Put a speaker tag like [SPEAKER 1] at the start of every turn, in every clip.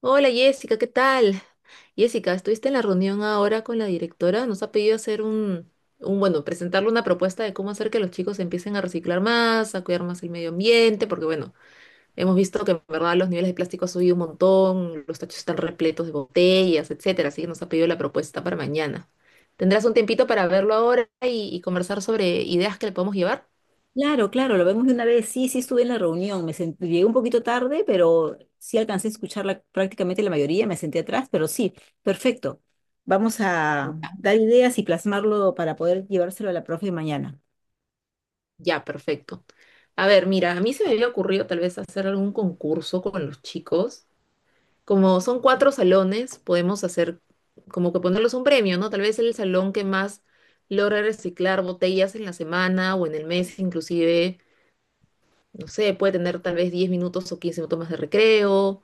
[SPEAKER 1] Hola Jessica, ¿qué tal? Jessica, estuviste en la reunión ahora con la directora. Nos ha pedido hacer un, presentarle una propuesta de cómo hacer que los chicos empiecen a reciclar más, a cuidar más el medio ambiente, porque bueno, hemos visto que en verdad los niveles de plástico han subido un montón, los tachos están repletos de botellas, etcétera. Así que nos ha pedido la propuesta para mañana. ¿Tendrás un tiempito para verlo ahora y conversar sobre ideas que le podemos llevar?
[SPEAKER 2] Claro, claro, lo vemos de una vez. Sí, sí estuve en la reunión. Llegué un poquito tarde, pero sí alcancé a escuchar prácticamente la mayoría. Me senté atrás, pero sí, perfecto. Vamos a dar ideas y plasmarlo para poder llevárselo a la profe mañana.
[SPEAKER 1] Ya, perfecto. A ver, mira, a mí se me había ocurrido tal vez hacer algún concurso con los chicos. Como son 4 salones, podemos hacer como que ponerlos un premio, ¿no? Tal vez el salón que más logra reciclar botellas en la semana o en el mes, inclusive, no sé, puede tener tal vez 10 minutos o 15 minutos más de recreo,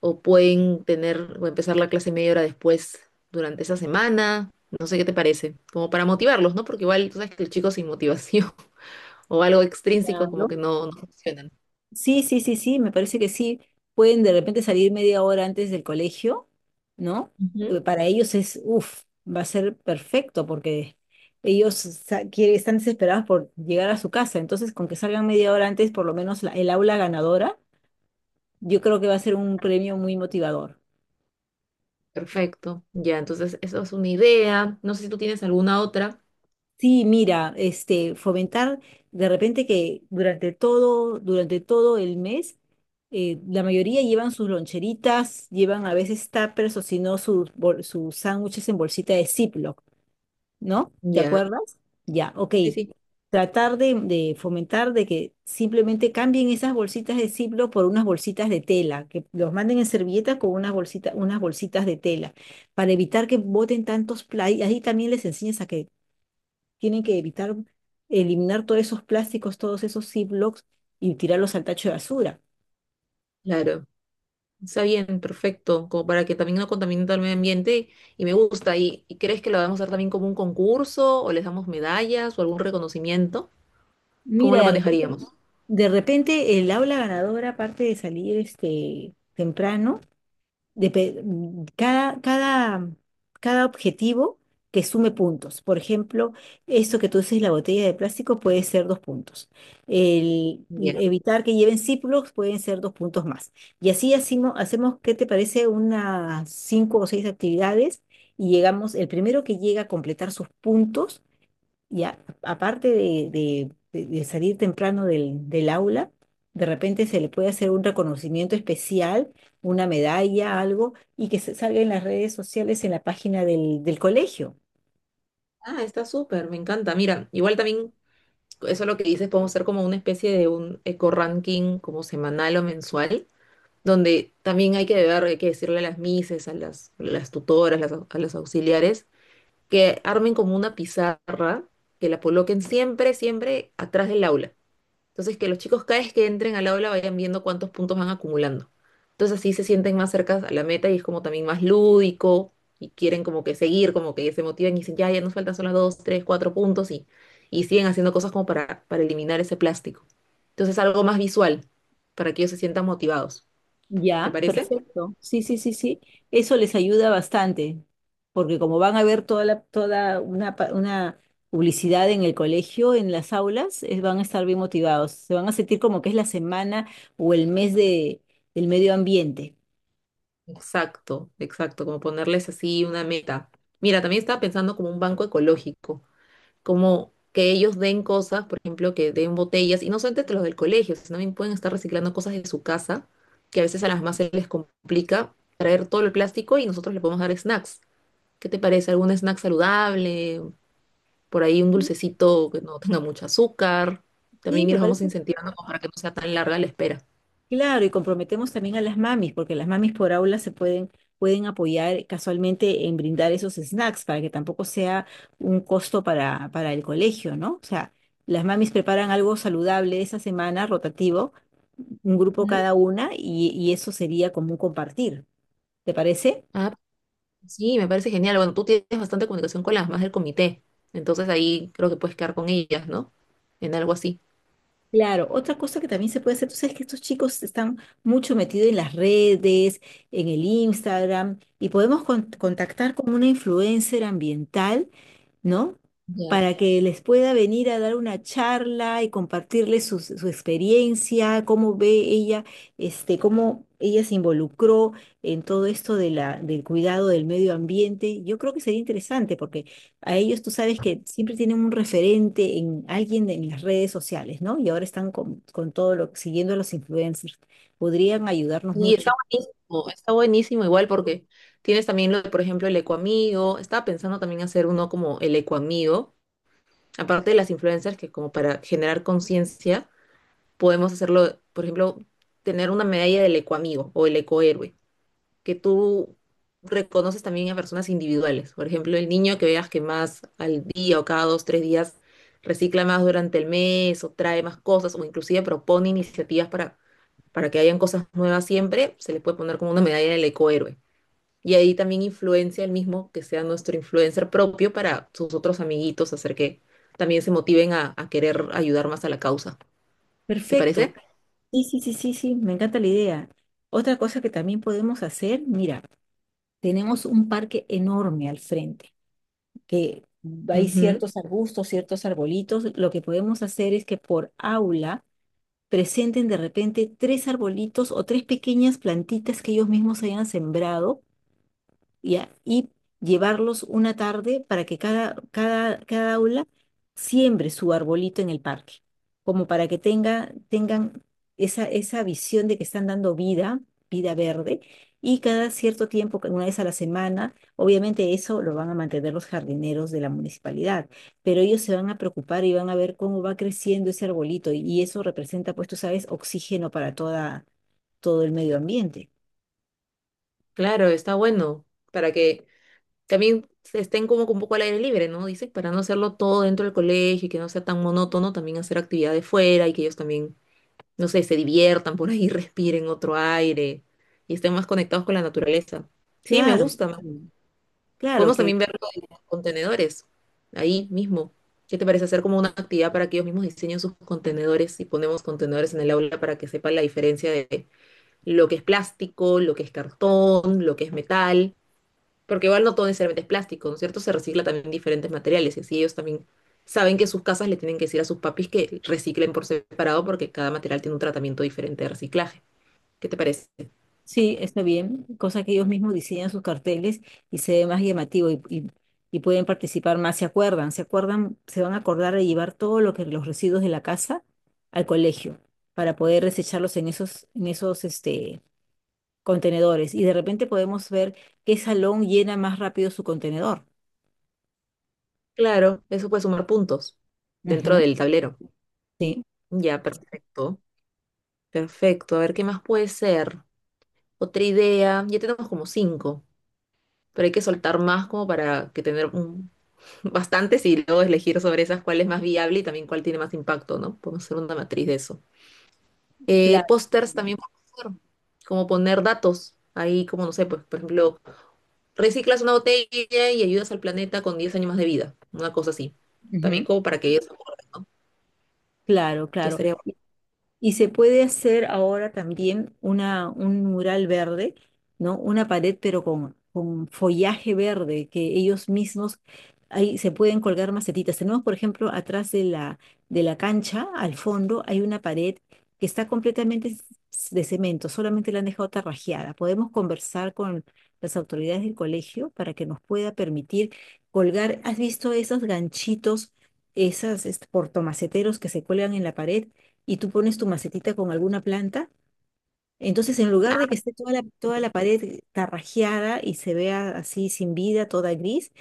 [SPEAKER 1] o pueden tener o empezar la clase media hora después durante esa semana. No sé qué te parece, como para motivarlos, ¿no? Porque igual tú sabes que el chico sin motivación o algo extrínseco
[SPEAKER 2] Claro.
[SPEAKER 1] como que no funcionan.
[SPEAKER 2] Sí, sí, sí, sí, me parece que sí. Pueden de repente salir media hora antes del colegio, ¿no?
[SPEAKER 1] Ujú.
[SPEAKER 2] Para ellos es, uff, va a ser perfecto porque están desesperados por llegar a su casa. Entonces, con que salgan media hora antes, por lo menos el aula ganadora, yo creo que va a ser un premio muy motivador.
[SPEAKER 1] Perfecto. Ya, entonces eso es una idea. No sé si tú tienes alguna otra.
[SPEAKER 2] Sí, mira, este, fomentar de repente que durante todo el mes, la mayoría llevan sus loncheritas, llevan a veces tuppers o si no sus sándwiches en bolsita de Ziploc, ¿no? ¿Te
[SPEAKER 1] Ya.
[SPEAKER 2] acuerdas? Ya, ok.
[SPEAKER 1] Sí, sí,
[SPEAKER 2] Tratar de fomentar de que simplemente cambien esas bolsitas de Ziploc por unas bolsitas de tela, que los manden en servilletas con unas bolsitas de tela, para evitar que boten tantos play. Ahí también les enseñas a que tienen que evitar eliminar todos esos plásticos, todos esos Ziplocs y tirarlos al tacho de basura.
[SPEAKER 1] claro. Está bien, perfecto. Como para que también no contamine todo el medio ambiente. Y me gusta. Y crees que lo vamos a hacer también como un concurso? ¿O les damos medallas o algún reconocimiento? ¿Cómo
[SPEAKER 2] Mira,
[SPEAKER 1] lo manejaríamos?
[SPEAKER 2] de repente el aula ganadora, aparte de salir este, temprano, depe- mm, cada, cada, cada objetivo que sume puntos. Por ejemplo, eso que tú dices, la botella de plástico puede ser dos puntos. El
[SPEAKER 1] Bien.
[SPEAKER 2] evitar que lleven círculos pueden ser dos puntos más. Y así hacemos, ¿qué te parece? Unas cinco o seis actividades y llegamos, el primero que llega a completar sus puntos y a- aparte de salir temprano del aula, de repente se le puede hacer un reconocimiento especial, una medalla, algo, y que se salga en las redes sociales, en la página del colegio.
[SPEAKER 1] Ah, está súper, me encanta. Mira, igual también, eso lo que dices, podemos hacer como una especie de un eco-ranking como semanal o mensual, donde también hay que ver, hay que decirle a las mises, a las tutoras, a las auxiliares que armen como una pizarra, que la coloquen siempre, siempre atrás del aula. Entonces, que los chicos cada vez que entren al aula vayan viendo cuántos puntos van acumulando. Entonces, así se sienten más cerca a la meta y es como también más lúdico y quieren como que seguir, como que se motivan y dicen, ya, ya nos faltan solo dos, tres, cuatro puntos y siguen haciendo cosas como para eliminar ese plástico. Entonces, algo más visual para que ellos se sientan motivados. ¿Te
[SPEAKER 2] Ya,
[SPEAKER 1] parece?
[SPEAKER 2] perfecto. Sí, sí, sí, sí. Eso les ayuda bastante, porque como van a ver una publicidad en el colegio, en las aulas, van a estar bien motivados. Se van a sentir como que es la semana o el mes del medio ambiente.
[SPEAKER 1] Exacto, exacto, como ponerles así una meta. Mira, también estaba pensando como un banco ecológico, como que ellos den cosas, por ejemplo, que den botellas, y no solamente los del colegio, sino también pueden estar reciclando cosas de su casa, que a veces a las más se les complica traer todo el plástico y nosotros le podemos dar snacks. ¿Qué te parece? ¿Algún snack saludable? Por ahí un dulcecito que no tenga mucho azúcar.
[SPEAKER 2] Sí,
[SPEAKER 1] También
[SPEAKER 2] me
[SPEAKER 1] los vamos
[SPEAKER 2] parece
[SPEAKER 1] incentivando como para que no sea tan larga la espera.
[SPEAKER 2] claro, y comprometemos también a las mamis, porque las mamis por aula pueden apoyar casualmente en brindar esos snacks para que tampoco sea un costo para el colegio, ¿no? O sea, las mamis preparan algo saludable esa semana, rotativo, un grupo
[SPEAKER 1] Ujú.
[SPEAKER 2] cada una, y eso sería como un compartir. ¿Te parece?
[SPEAKER 1] Ah, sí, me parece genial. Bueno, tú tienes bastante comunicación con las más del comité, entonces ahí creo que puedes quedar con ellas, ¿no? En algo así.
[SPEAKER 2] Claro, otra cosa que también se puede hacer, tú sabes que estos chicos están mucho metidos en las redes, en el Instagram, y podemos contactar con una influencer ambiental, ¿no?
[SPEAKER 1] Ya.
[SPEAKER 2] Para que les pueda venir a dar una charla y compartirles su experiencia, cómo ve ella, este, cómo ella se involucró en todo esto de del cuidado del medio ambiente. Yo creo que sería interesante a ellos, tú sabes que siempre tienen un referente en alguien en las redes sociales, ¿no? Y ahora están con todo lo, siguiendo a los influencers. Podrían ayudarnos
[SPEAKER 1] Y
[SPEAKER 2] mucho.
[SPEAKER 1] está buenísimo igual porque tienes también lo de, por ejemplo, el ecoamigo. Estaba pensando también hacer uno como el ecoamigo, aparte de las influencers que como para generar conciencia, podemos hacerlo, por ejemplo, tener una medalla del ecoamigo o el ecohéroe, que tú reconoces también a personas individuales. Por ejemplo, el niño que veas que más al día o cada dos, tres días recicla más durante el mes o trae más cosas o inclusive propone iniciativas para que hayan cosas nuevas siempre, se le puede poner como una medalla del ecohéroe. Y ahí también influencia el mismo que sea nuestro influencer propio para sus otros amiguitos, hacer que también se motiven a querer ayudar más a la causa. ¿Te
[SPEAKER 2] Perfecto.
[SPEAKER 1] parece?
[SPEAKER 2] Sí, sí, sí, sí, sí, me encanta la idea. Otra cosa que también podemos hacer, mira, tenemos un parque enorme al frente, que hay
[SPEAKER 1] Ujú.
[SPEAKER 2] ciertos arbustos, ciertos arbolitos. Lo que podemos hacer es que por aula presenten de repente tres arbolitos o tres pequeñas plantitas que ellos mismos hayan sembrado, ¿ya? Y llevarlos una tarde para que cada aula siembre su arbolito en el parque, como para que tenga, tengan esa, esa visión de que están dando vida, vida verde, y cada cierto tiempo, una vez a la semana, obviamente eso lo van a mantener los jardineros de la municipalidad, pero ellos se van a preocupar y van a ver cómo va creciendo ese arbolito, y eso representa, pues tú sabes, oxígeno para toda, todo el medio ambiente.
[SPEAKER 1] Claro, está bueno para que también estén como que un poco al aire libre, ¿no? Dice, para no hacerlo todo dentro del colegio y que no sea tan monótono, también hacer actividades fuera y que ellos también, no sé, se diviertan por ahí, respiren otro aire y estén más conectados con la naturaleza. Sí, me
[SPEAKER 2] Claro,
[SPEAKER 1] gusta. Me
[SPEAKER 2] claro,
[SPEAKER 1] gusta.
[SPEAKER 2] claro
[SPEAKER 1] Podemos
[SPEAKER 2] que
[SPEAKER 1] también ver lo de los contenedores ahí mismo. ¿Qué te parece hacer como una actividad para que ellos mismos diseñen sus contenedores y ponemos contenedores en el aula para que sepan la diferencia de lo que es plástico, lo que es cartón, lo que es metal? Porque igual no todo necesariamente es plástico, ¿no es cierto? Se recicla también diferentes materiales y así ellos también saben que sus casas le tienen que decir a sus papis que reciclen por separado porque cada material tiene un tratamiento diferente de reciclaje. ¿Qué te parece?
[SPEAKER 2] sí, está bien, cosa que ellos mismos diseñan sus carteles y se ve más llamativo y pueden participar más, se acuerdan, se acuerdan, se van a acordar de llevar todo lo que los residuos de la casa al colegio para poder desecharlos en en esos este, contenedores. Y de repente podemos ver qué salón llena más rápido su contenedor.
[SPEAKER 1] Claro, eso puede sumar puntos dentro
[SPEAKER 2] Ujú.
[SPEAKER 1] del tablero.
[SPEAKER 2] Sí,
[SPEAKER 1] Ya, perfecto. Perfecto. A ver, ¿qué más puede ser? Otra idea. Ya tenemos como cinco, pero hay que soltar más como para que bastantes y luego elegir sobre esas cuál es más viable y también cuál tiene más impacto, ¿no? Podemos hacer una matriz de eso.
[SPEAKER 2] claro.
[SPEAKER 1] Pósters también puedes hacer, como poner datos. Ahí, como no sé, pues, por ejemplo, reciclas una botella y ayudas al planeta con 10 años más de vida. Una cosa así. También como para que ellos se acuerden, ¿no?
[SPEAKER 2] Claro,
[SPEAKER 1] Ya
[SPEAKER 2] claro.
[SPEAKER 1] estaría bueno.
[SPEAKER 2] Y se puede hacer ahora también un mural verde, ¿no? Una pared, pero con follaje verde, que ellos mismos ahí se pueden colgar macetitas. Tenemos, por ejemplo, atrás de de la cancha, al fondo, hay una pared que está de cemento, solamente la han dejado tarrajeada. Podemos conversar con las autoridades del colegio para que nos pueda permitir colgar. ¿Has visto esos ganchitos, esas este, portomaceteros que se cuelgan en la pared? Y tú pones tu macetita con alguna planta, entonces en lugar
[SPEAKER 1] Ah,
[SPEAKER 2] de que esté toda la pared tarrajeada y se vea así sin vida, toda gris,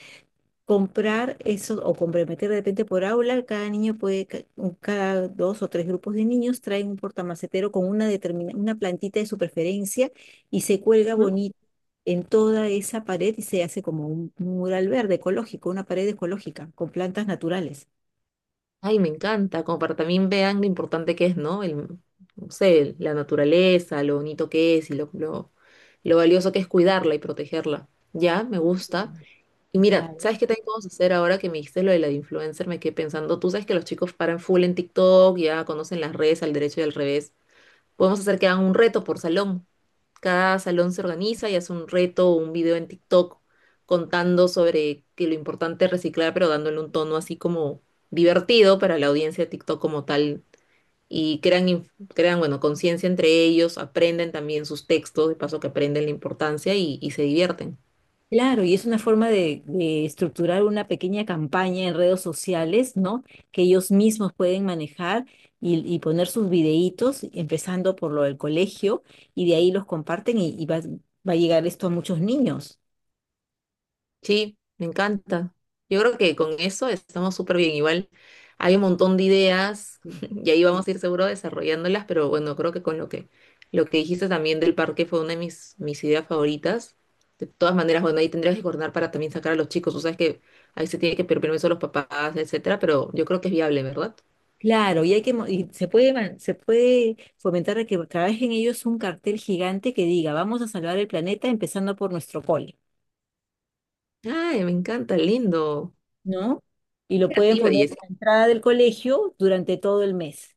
[SPEAKER 2] comprar eso o comprometer de repente por aula, cada niño puede, ca- un- cada dos o tres grupos de niños traen un portamacetero con una plantita de su preferencia y se cuelga
[SPEAKER 1] ujú.
[SPEAKER 2] bonito en toda esa pared y se hace como un mural verde ecológico, una pared ecológica con plantas naturales.
[SPEAKER 1] Ay, me encanta. Como para también vean lo importante que es, ¿no? El, no sé, la naturaleza, lo bonito que es y lo valioso que es cuidarla y protegerla. Ya, me gusta. Y mira,
[SPEAKER 2] Claro.
[SPEAKER 1] ¿sabes qué también podemos hacer ahora que me dijiste lo de la de influencer? Me quedé pensando, tú sabes que los chicos paran full en TikTok, ya conocen las redes al derecho y al revés. Podemos hacer que hagan un reto por salón. Cada salón se organiza y hace un reto o un video en TikTok contando sobre que lo importante es reciclar, pero dándole un tono así como divertido para la audiencia de TikTok como tal. Y crean, crean, bueno, conciencia entre ellos, aprenden también sus textos, de paso que aprenden la importancia y se divierten.
[SPEAKER 2] Claro, y es una forma de estructurar una pequeña campaña en redes sociales, ¿no? Que ellos mismos pueden manejar y poner sus videitos, empezando por lo del colegio, y de ahí los comparten va a llegar esto a muchos niños.
[SPEAKER 1] Sí, me encanta. Yo creo que con eso estamos súper bien. Igual hay un montón de ideas y ahí vamos a ir seguro desarrollándolas, pero bueno, creo que con lo que dijiste también del parque fue una de mis ideas favoritas. De todas maneras, bueno, ahí tendrías que coordinar para también sacar a los chicos. Tú sabes que ahí se tiene que pedir permiso a los papás, etcétera, pero yo creo que es viable, ¿verdad?
[SPEAKER 2] Claro, y hay y se puede fomentar a que trabajen ellos un cartel gigante que diga, vamos a salvar el planeta empezando por nuestro cole,
[SPEAKER 1] Ay, me encanta, lindo.
[SPEAKER 2] ¿no? Y lo pueden
[SPEAKER 1] Creativa
[SPEAKER 2] poner
[SPEAKER 1] y es.
[SPEAKER 2] en la entrada del colegio durante todo el mes,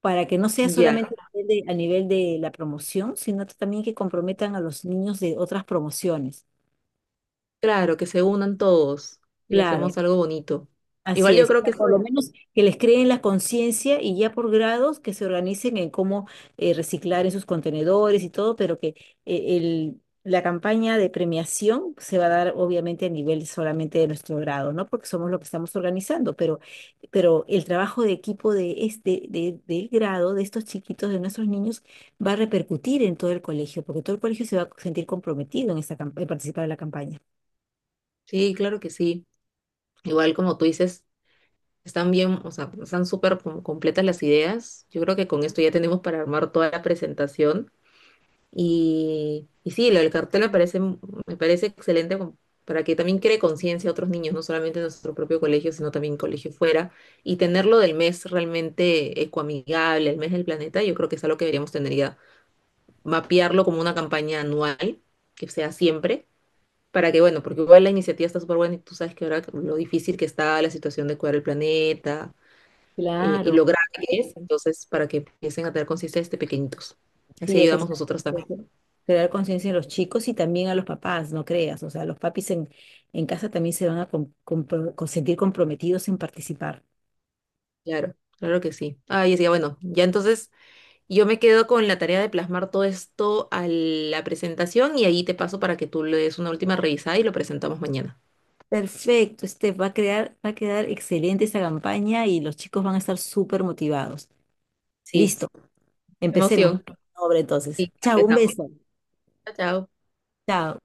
[SPEAKER 2] para que no sea
[SPEAKER 1] Ya,
[SPEAKER 2] solamente a nivel de la promoción, sino también que comprometan a los niños de otras promociones.
[SPEAKER 1] claro, que se unan todos y
[SPEAKER 2] Claro,
[SPEAKER 1] hacemos algo bonito. Igual
[SPEAKER 2] así
[SPEAKER 1] yo
[SPEAKER 2] es, o
[SPEAKER 1] creo
[SPEAKER 2] sea,
[SPEAKER 1] que eso-
[SPEAKER 2] por lo menos que les creen la conciencia y ya por grados que se organicen en cómo reciclar en sus contenedores y todo, pero que la campaña de premiación se va a dar obviamente a nivel solamente de nuestro grado, ¿no? Porque somos lo que estamos organizando, pero el trabajo de equipo del grado, de estos chiquitos, de nuestros niños, va a repercutir en todo el colegio, porque todo el colegio se va a sentir comprometido en en participar de la campaña.
[SPEAKER 1] Sí, claro que sí. Igual como tú dices, están bien, o sea, están súper completas las ideas. Yo creo que con esto ya tenemos para armar toda la presentación. Y sí, lo del cartel me parece excelente como para que también cree conciencia a otros niños, no solamente en nuestro propio colegio, sino también colegio fuera. Y tenerlo del mes realmente ecoamigable, el mes del planeta, yo creo que es algo que deberíamos tener ya, mapearlo como una campaña anual, que sea siempre. Para que, bueno, porque igual la iniciativa está súper buena y tú sabes que ahora lo difícil que está la situación de cuidar el planeta, y
[SPEAKER 2] Claro.
[SPEAKER 1] lo grave que es, entonces para que empiecen a tener conciencia desde pequeñitos. Así
[SPEAKER 2] Sí, hay que
[SPEAKER 1] ayudamos nosotros también.
[SPEAKER 2] crear conciencia en los chicos y también a los papás, no creas. O sea, los papis en casa también se van a sentir comprometidos en participar.
[SPEAKER 1] Claro, claro que sí. Ah, y decía, bueno, ya entonces yo me quedo con la tarea de plasmar todo esto a la presentación y ahí te paso para que tú le des una última revisada y lo presentamos mañana.
[SPEAKER 2] Perfecto, este va a crear, va a quedar excelente esta campaña y los chicos van a estar súper motivados.
[SPEAKER 1] Sí,
[SPEAKER 2] Listo, empecemos.
[SPEAKER 1] emoción.
[SPEAKER 2] Obra entonces.
[SPEAKER 1] Sí,
[SPEAKER 2] Chao, un
[SPEAKER 1] empezamos.
[SPEAKER 2] beso.
[SPEAKER 1] Chao, chao.
[SPEAKER 2] Chao.